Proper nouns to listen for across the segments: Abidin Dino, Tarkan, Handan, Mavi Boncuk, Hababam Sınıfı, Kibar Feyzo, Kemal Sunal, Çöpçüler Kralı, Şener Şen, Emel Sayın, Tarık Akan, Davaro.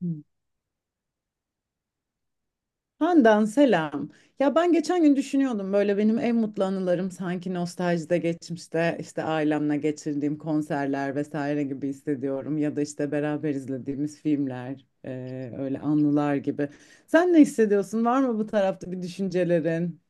Hmm. Handan selam. Ya ben geçen gün düşünüyordum böyle benim en mutlu anılarım sanki nostaljide geçmişte işte ailemle geçirdiğim konserler vesaire gibi hissediyorum ya da işte beraber izlediğimiz filmler öyle anılar gibi. Sen ne hissediyorsun? Var mı bu tarafta bir düşüncelerin?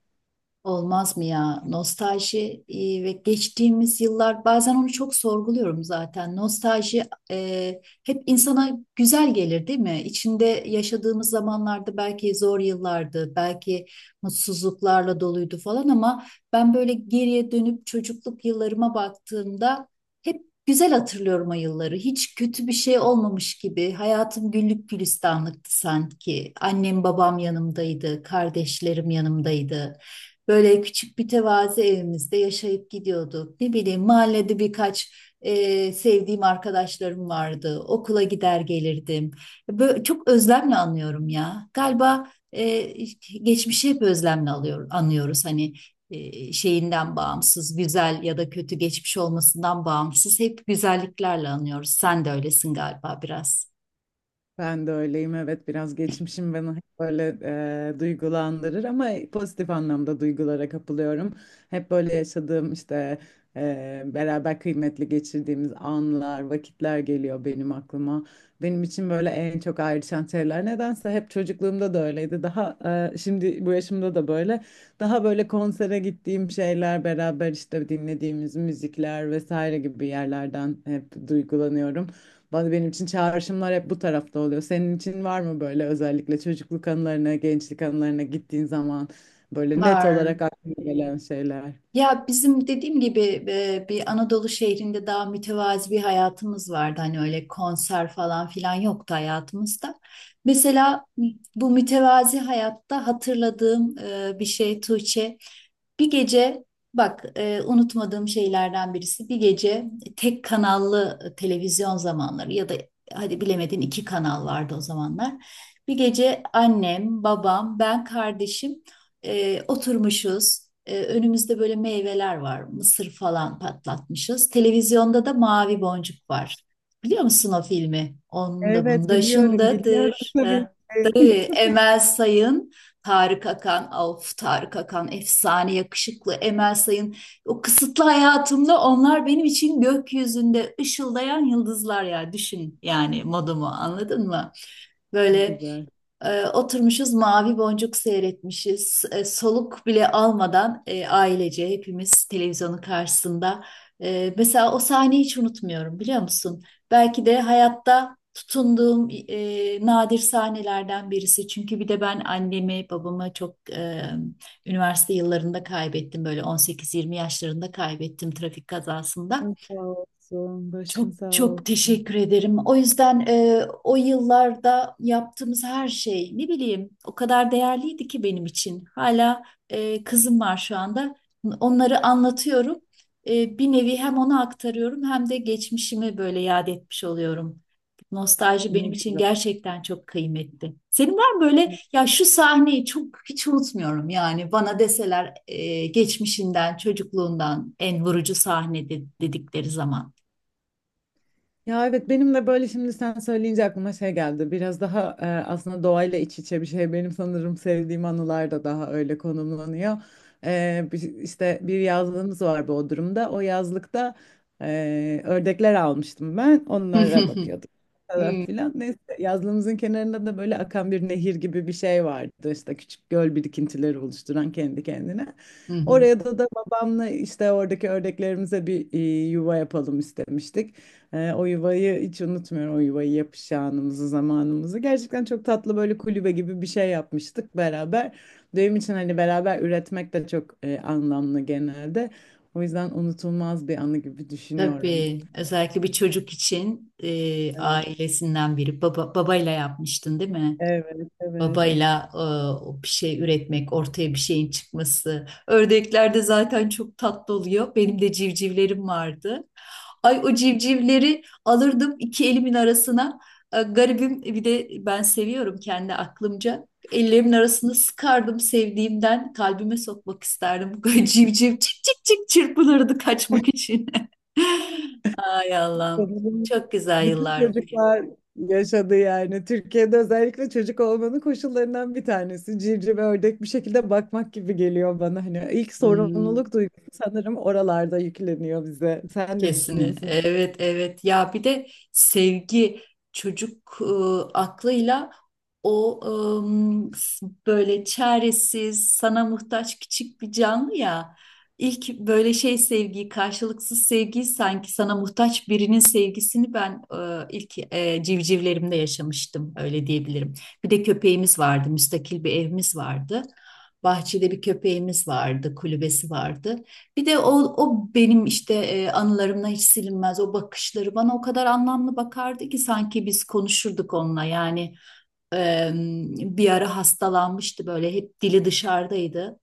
Olmaz mı ya? Nostalji ve geçtiğimiz yıllar bazen onu çok sorguluyorum zaten. Nostalji hep insana güzel gelir değil mi? İçinde yaşadığımız zamanlarda belki zor yıllardı, belki mutsuzluklarla doluydu falan ama ben böyle geriye dönüp çocukluk yıllarıma baktığımda hep güzel hatırlıyorum o yılları. Hiç kötü bir şey olmamış gibi. Hayatım güllük gülistanlıktı sanki. Annem babam yanımdaydı, kardeşlerim yanımdaydı. Böyle küçük bir tevazi evimizde yaşayıp gidiyorduk. Ne bileyim mahallede birkaç sevdiğim arkadaşlarım vardı. Okula gider gelirdim. Böyle, çok özlemle anlıyorum ya. Galiba e, geçmişi hep özlemle alıyor, anlıyoruz. Hani şeyinden bağımsız, güzel ya da kötü geçmiş olmasından bağımsız hep güzelliklerle anıyoruz. Sen de öylesin galiba biraz. Ben de öyleyim, evet, biraz geçmişim beni hep böyle duygulandırır ama pozitif anlamda duygulara kapılıyorum. Hep böyle yaşadığım işte beraber kıymetli geçirdiğimiz anlar, vakitler geliyor benim aklıma. Benim için böyle en çok ayrışan şeyler nedense hep çocukluğumda da öyleydi. Şimdi bu yaşımda da böyle daha böyle konsere gittiğim şeyler beraber işte dinlediğimiz müzikler vesaire gibi yerlerden hep duygulanıyorum. Bana benim için çağrışımlar hep bu tarafta oluyor. Senin için var mı böyle özellikle çocukluk anılarına, gençlik anılarına gittiğin zaman böyle net Var. olarak aklına gelen şeyler? Ya bizim dediğim gibi bir Anadolu şehrinde daha mütevazi bir hayatımız vardı. Hani öyle konser falan filan yoktu hayatımızda. Mesela bu mütevazi hayatta hatırladığım bir şey Tuğçe. Bir gece bak, unutmadığım şeylerden birisi, bir gece tek kanallı televizyon zamanları ya da hadi bilemedin iki kanal vardı o zamanlar. Bir gece annem, babam, ben, kardeşim oturmuşuz. Önümüzde böyle meyveler var. Mısır falan patlatmışız. Televizyonda da Mavi Boncuk var. Biliyor musun o filmi? Onda Evet, bunda biliyorum, şundadır. tabii Ha, tabii ki. Emel Sayın, Tarık Akan. Of, Tarık Akan efsane yakışıklı, Emel Sayın. O kısıtlı hayatımda onlar benim için gökyüzünde ışıldayan yıldızlar ya. Düşün yani, modumu anladın mı? Ne Böyle güzel. Oturmuşuz Mavi Boncuk seyretmişiz. Soluk bile almadan ailece hepimiz televizyonun karşısında. Mesela o sahneyi hiç unutmuyorum, biliyor musun? Belki de hayatta tutunduğum nadir sahnelerden birisi. Çünkü bir de ben annemi, babamı çok üniversite yıllarında kaybettim. Böyle 18-20 yaşlarında kaybettim, trafik kazasında. Çok sağ olsun, Çok başın sağ çok olsun. teşekkür ederim. O yüzden o yıllarda yaptığımız her şey, ne bileyim, o kadar değerliydi ki benim için. Hala kızım var şu anda. Onları anlatıyorum. Bir nevi hem ona aktarıyorum hem de geçmişimi böyle yad etmiş oluyorum. Nostalji Ne benim için güzel. gerçekten çok kıymetli. Senin var mı böyle, ya şu sahneyi çok hiç unutmuyorum, yani bana deseler geçmişinden, çocukluğundan en vurucu sahne dedikleri zaman. Ya evet, benim de böyle şimdi sen söyleyince aklıma şey geldi. Biraz daha aslında doğayla iç içe bir şey. Benim sanırım sevdiğim anılar da daha öyle konumlanıyor. E, işte bir yazlığımız var Bodrum'da. O yazlıkta ördekler almıştım ben. Onlara bakıyordum falan Hmm, filan. Neyse yazlığımızın kenarında da böyle akan bir nehir gibi bir şey vardı. İşte küçük göl birikintileri oluşturan kendi kendine. hı hı. Oraya da babamla işte oradaki ördeklerimize bir yuva yapalım istemiştik. O yuvayı hiç unutmuyorum. O yuvayı yapış anımızı, zamanımızı. Gerçekten çok tatlı böyle kulübe gibi bir şey yapmıştık beraber. Benim için hani beraber üretmek de çok anlamlı genelde. O yüzden unutulmaz bir anı gibi düşünüyorum. Tabii özellikle bir çocuk için Evet, ailesinden biri, babayla yapmıştın değil mi? evet, evet. Babayla o bir şey üretmek, ortaya bir şeyin çıkması. Ördeklerde zaten çok tatlı oluyor. Benim de civcivlerim vardı. Ay, o civcivleri alırdım iki elimin arasına. Garibim, bir de ben seviyorum kendi aklımca. Ellerimin arasını sıkardım sevdiğimden. Kalbime sokmak isterdim. Civciv çık çık çık çırpınırdı kaçmak için. Ay Allah'ım. Sanırım Çok güzel bütün yıllardı. çocuklar yaşadı yani. Türkiye'de özellikle çocuk olmanın koşullarından bir tanesi. Civciv, ördek bir şekilde bakmak gibi geliyor bana. Hani ilk Hmm. sorumluluk duygusu sanırım oralarda yükleniyor bize. Sen ne Kesin. düşünüyorsun? Evet, evet. Ya bir de sevgi, çocuk aklıyla o böyle çaresiz, sana muhtaç küçük bir canlı ya. İlk böyle şey, sevgiyi, karşılıksız sevgiyi, sanki sana muhtaç birinin sevgisini ben ilk civcivlerimde yaşamıştım, öyle diyebilirim. Bir de köpeğimiz vardı, müstakil bir evimiz vardı. Bahçede bir köpeğimiz vardı, kulübesi vardı. Bir de o benim işte anılarımdan hiç silinmez, o bakışları bana o kadar anlamlı bakardı ki sanki biz konuşurduk onunla, yani e, bir ara hastalanmıştı, böyle hep dili dışarıdaydı.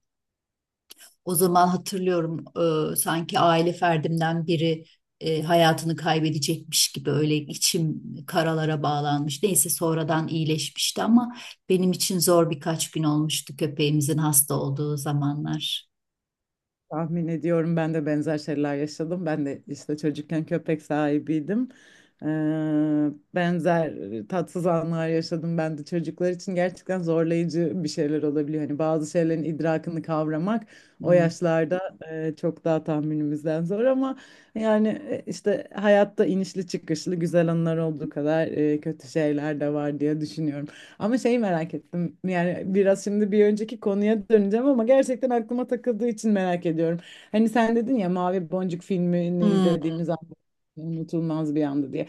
O zaman hatırlıyorum, sanki aile ferdimden biri hayatını kaybedecekmiş gibi, öyle içim karalara bağlanmış. Neyse sonradan iyileşmişti ama benim için zor birkaç gün olmuştu köpeğimizin hasta olduğu zamanlar. Tahmin ediyorum, ben de benzer şeyler yaşadım. Ben de işte çocukken köpek sahibiydim. Ee, Benzer tatsız anlar yaşadım ben de, çocuklar için gerçekten zorlayıcı bir şeyler olabiliyor. Hani bazı şeylerin idrakını kavramak o Hmm. yaşlarda çok daha tahminimizden zor ama yani işte hayatta inişli çıkışlı güzel anlar olduğu kadar kötü şeyler de var diye düşünüyorum. Ama şeyi merak ettim. Yani biraz şimdi bir önceki konuya döneceğim ama gerçekten aklıma takıldığı için merak ediyorum. Hani sen dedin ya Mavi Boncuk filmini Hmm. izlediğimiz an unutulmaz bir andı diye.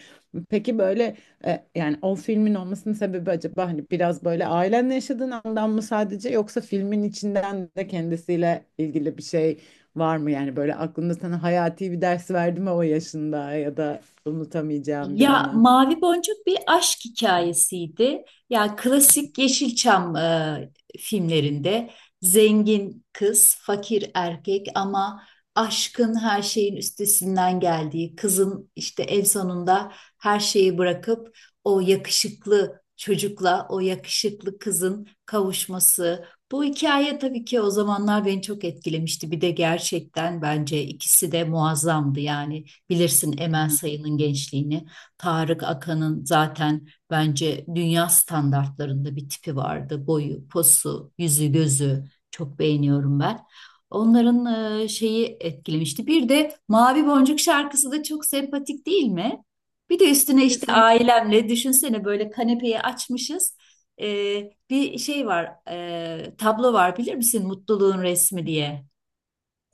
Peki böyle yani o filmin olmasının sebebi acaba hani biraz böyle ailenle yaşadığın andan mı sadece, yoksa filmin içinden de kendisiyle ilgili bir şey var mı? Yani böyle aklında sana hayati bir ders verdi mi o yaşında, ya da unutamayacağım bir Ya anı? Mavi Boncuk bir aşk hikayesiydi. Ya klasik Yeşilçam filmlerinde zengin kız, fakir erkek ama aşkın her şeyin üstesinden geldiği, kızın işte en sonunda her şeyi bırakıp o yakışıklı çocukla o yakışıklı kızın kavuşması. Bu hikaye tabii ki o zamanlar beni çok etkilemişti. Bir de gerçekten bence ikisi de muazzamdı, yani bilirsin Hı Emel hı. Sayın'ın gençliğini. Tarık Akan'ın zaten bence dünya standartlarında bir tipi vardı. Boyu, posu, yüzü, gözü çok beğeniyorum ben. Onların şeyi etkilemişti. Bir de Mavi Boncuk şarkısı da çok sempatik değil mi? Bir de üstüne işte Kesinlikle. ailemle düşünsene, böyle kanepeyi açmışız. E, bir şey var, tablo var, bilir misin? Mutluluğun resmi diye.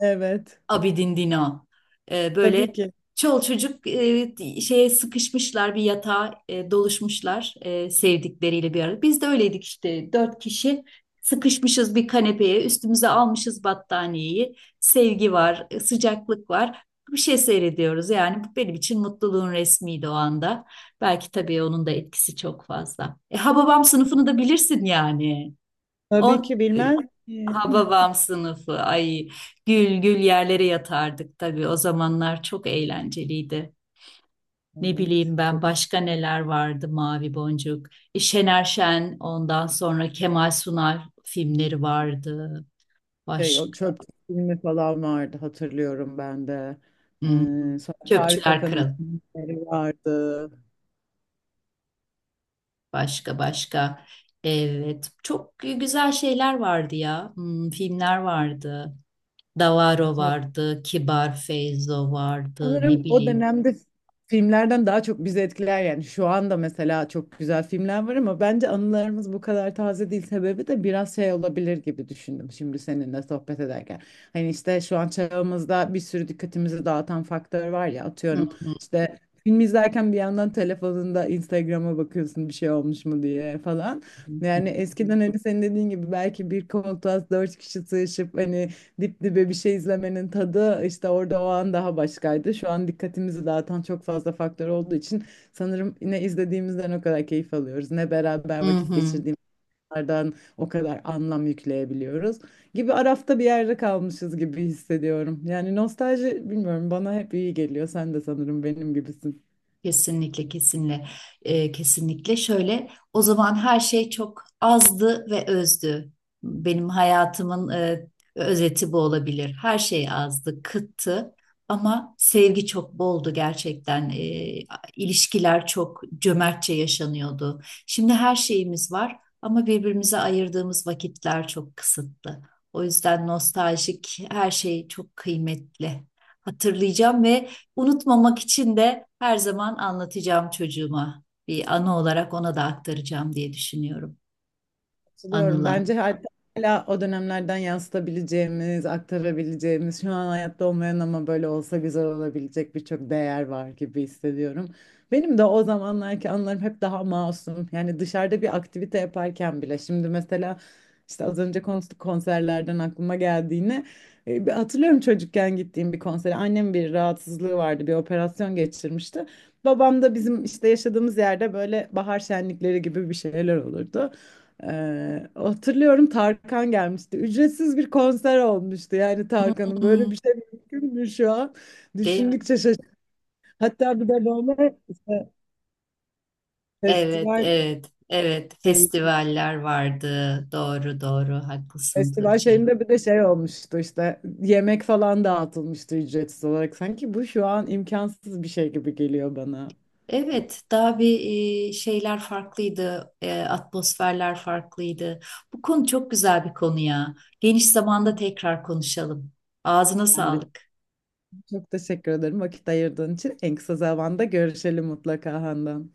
Evet. Abidin Dino. Böyle Tabii ki. çol çocuk şeye sıkışmışlar, bir yatağa doluşmuşlar sevdikleriyle bir arada. Biz de öyleydik işte, dört kişi sıkışmışız bir kanepeye, üstümüze almışız battaniyeyi. Sevgi var, sıcaklık var. Bir şey seyrediyoruz, yani bu benim için mutluluğun resmiydi o anda. Belki tabii onun da etkisi çok fazla. Hababam Sınıfı'nı da bilirsin yani. Tabii O ki e, bilmez miyim? Hababam Sınıfı. Ay, gül gül yerlere yatardık tabii. O zamanlar çok eğlenceliydi. Ne Evet, bileyim ben, çok başka neler vardı? Mavi Boncuk. Şener Şen, ondan sonra Kemal Sunal filmleri vardı. şey, o Başka. çöp filmi falan vardı, hatırlıyorum ben de. Hmm. Sonra Tarık Çöpçüler Akan'ın Kralı. filmleri vardı. Başka başka. Evet. Çok güzel şeyler vardı ya. Hmm, filmler vardı. Davaro vardı. Kibar Feyzo vardı. Ne Sanırım o bileyim. dönemde filmlerden daha çok bizi etkiler, yani şu anda mesela çok güzel filmler var ama bence anılarımız bu kadar taze değil, sebebi de biraz şey olabilir gibi düşündüm şimdi seninle sohbet ederken. Hani işte şu an çağımızda bir sürü dikkatimizi dağıtan faktör var ya, Hı atıyorum hı işte film izlerken bir yandan telefonunda Instagram'a bakıyorsun bir şey olmuş mu diye falan. hı. Hı. Yani eskiden hani senin dediğin gibi belki bir koltuğa dört kişi sığışıp hani dip dibe bir şey izlemenin tadı işte orada o an daha başkaydı. Şu an dikkatimizi dağıtan çok fazla faktör olduğu için sanırım ne izlediğimizden o kadar keyif alıyoruz, ne beraber Hı vakit hı. geçirdiğimizden o kadar anlam yükleyebiliyoruz. Gibi arafta bir yerde kalmışız gibi hissediyorum. Yani nostalji, bilmiyorum, bana hep iyi geliyor. Sen de sanırım benim gibisin. Kesinlikle, kesinlikle. Kesinlikle. Şöyle, o zaman her şey çok azdı ve özdü. Benim hayatımın özeti bu olabilir. Her şey azdı, kıttı ama sevgi çok boldu gerçekten. İlişkiler çok cömertçe yaşanıyordu. Şimdi her şeyimiz var ama birbirimize ayırdığımız vakitler çok kısıtlı. O yüzden nostaljik her şey çok kıymetli. Hatırlayacağım ve unutmamak için de her zaman anlatacağım çocuğuma. Bir anı olarak ona da aktaracağım diye düşünüyorum. Katılıyorum. Anılar. Bence hatta hala o dönemlerden yansıtabileceğimiz, aktarabileceğimiz, şu an hayatta olmayan ama böyle olsa güzel olabilecek birçok değer var gibi hissediyorum. Benim de o zamanlarki anılarım hep daha masum. Yani dışarıda bir aktivite yaparken bile. Şimdi mesela işte az önce konuştuk konserlerden aklıma geldiğini. E, bir hatırlıyorum çocukken gittiğim bir konsere. Annem bir rahatsızlığı vardı, bir operasyon geçirmişti. Babam da bizim işte yaşadığımız yerde böyle bahar şenlikleri gibi bir şeyler olurdu. Hatırlıyorum Tarkan gelmişti. Ücretsiz bir konser olmuştu. Yani Tarkan'ın Hmm, böyle bir şey mümkün mü şu an? değil mi? Düşündükçe şaşırdım. Hatta bir de böyle işte Evet, festival evet, evet. şey- Festivaller vardı. Doğru, doğru. Haklısın festival Tuğçe. şeyinde bir de şey olmuştu işte yemek falan dağıtılmıştı ücretsiz olarak. Sanki bu şu an imkansız bir şey gibi geliyor bana. Evet, daha bir şeyler farklıydı. Atmosferler farklıydı. Bu konu çok güzel bir konu ya. Geniş zamanda tekrar konuşalım. Ağzına Ben de sağlık. çok teşekkür ederim vakit ayırdığın için. En kısa zamanda görüşelim mutlaka Handan.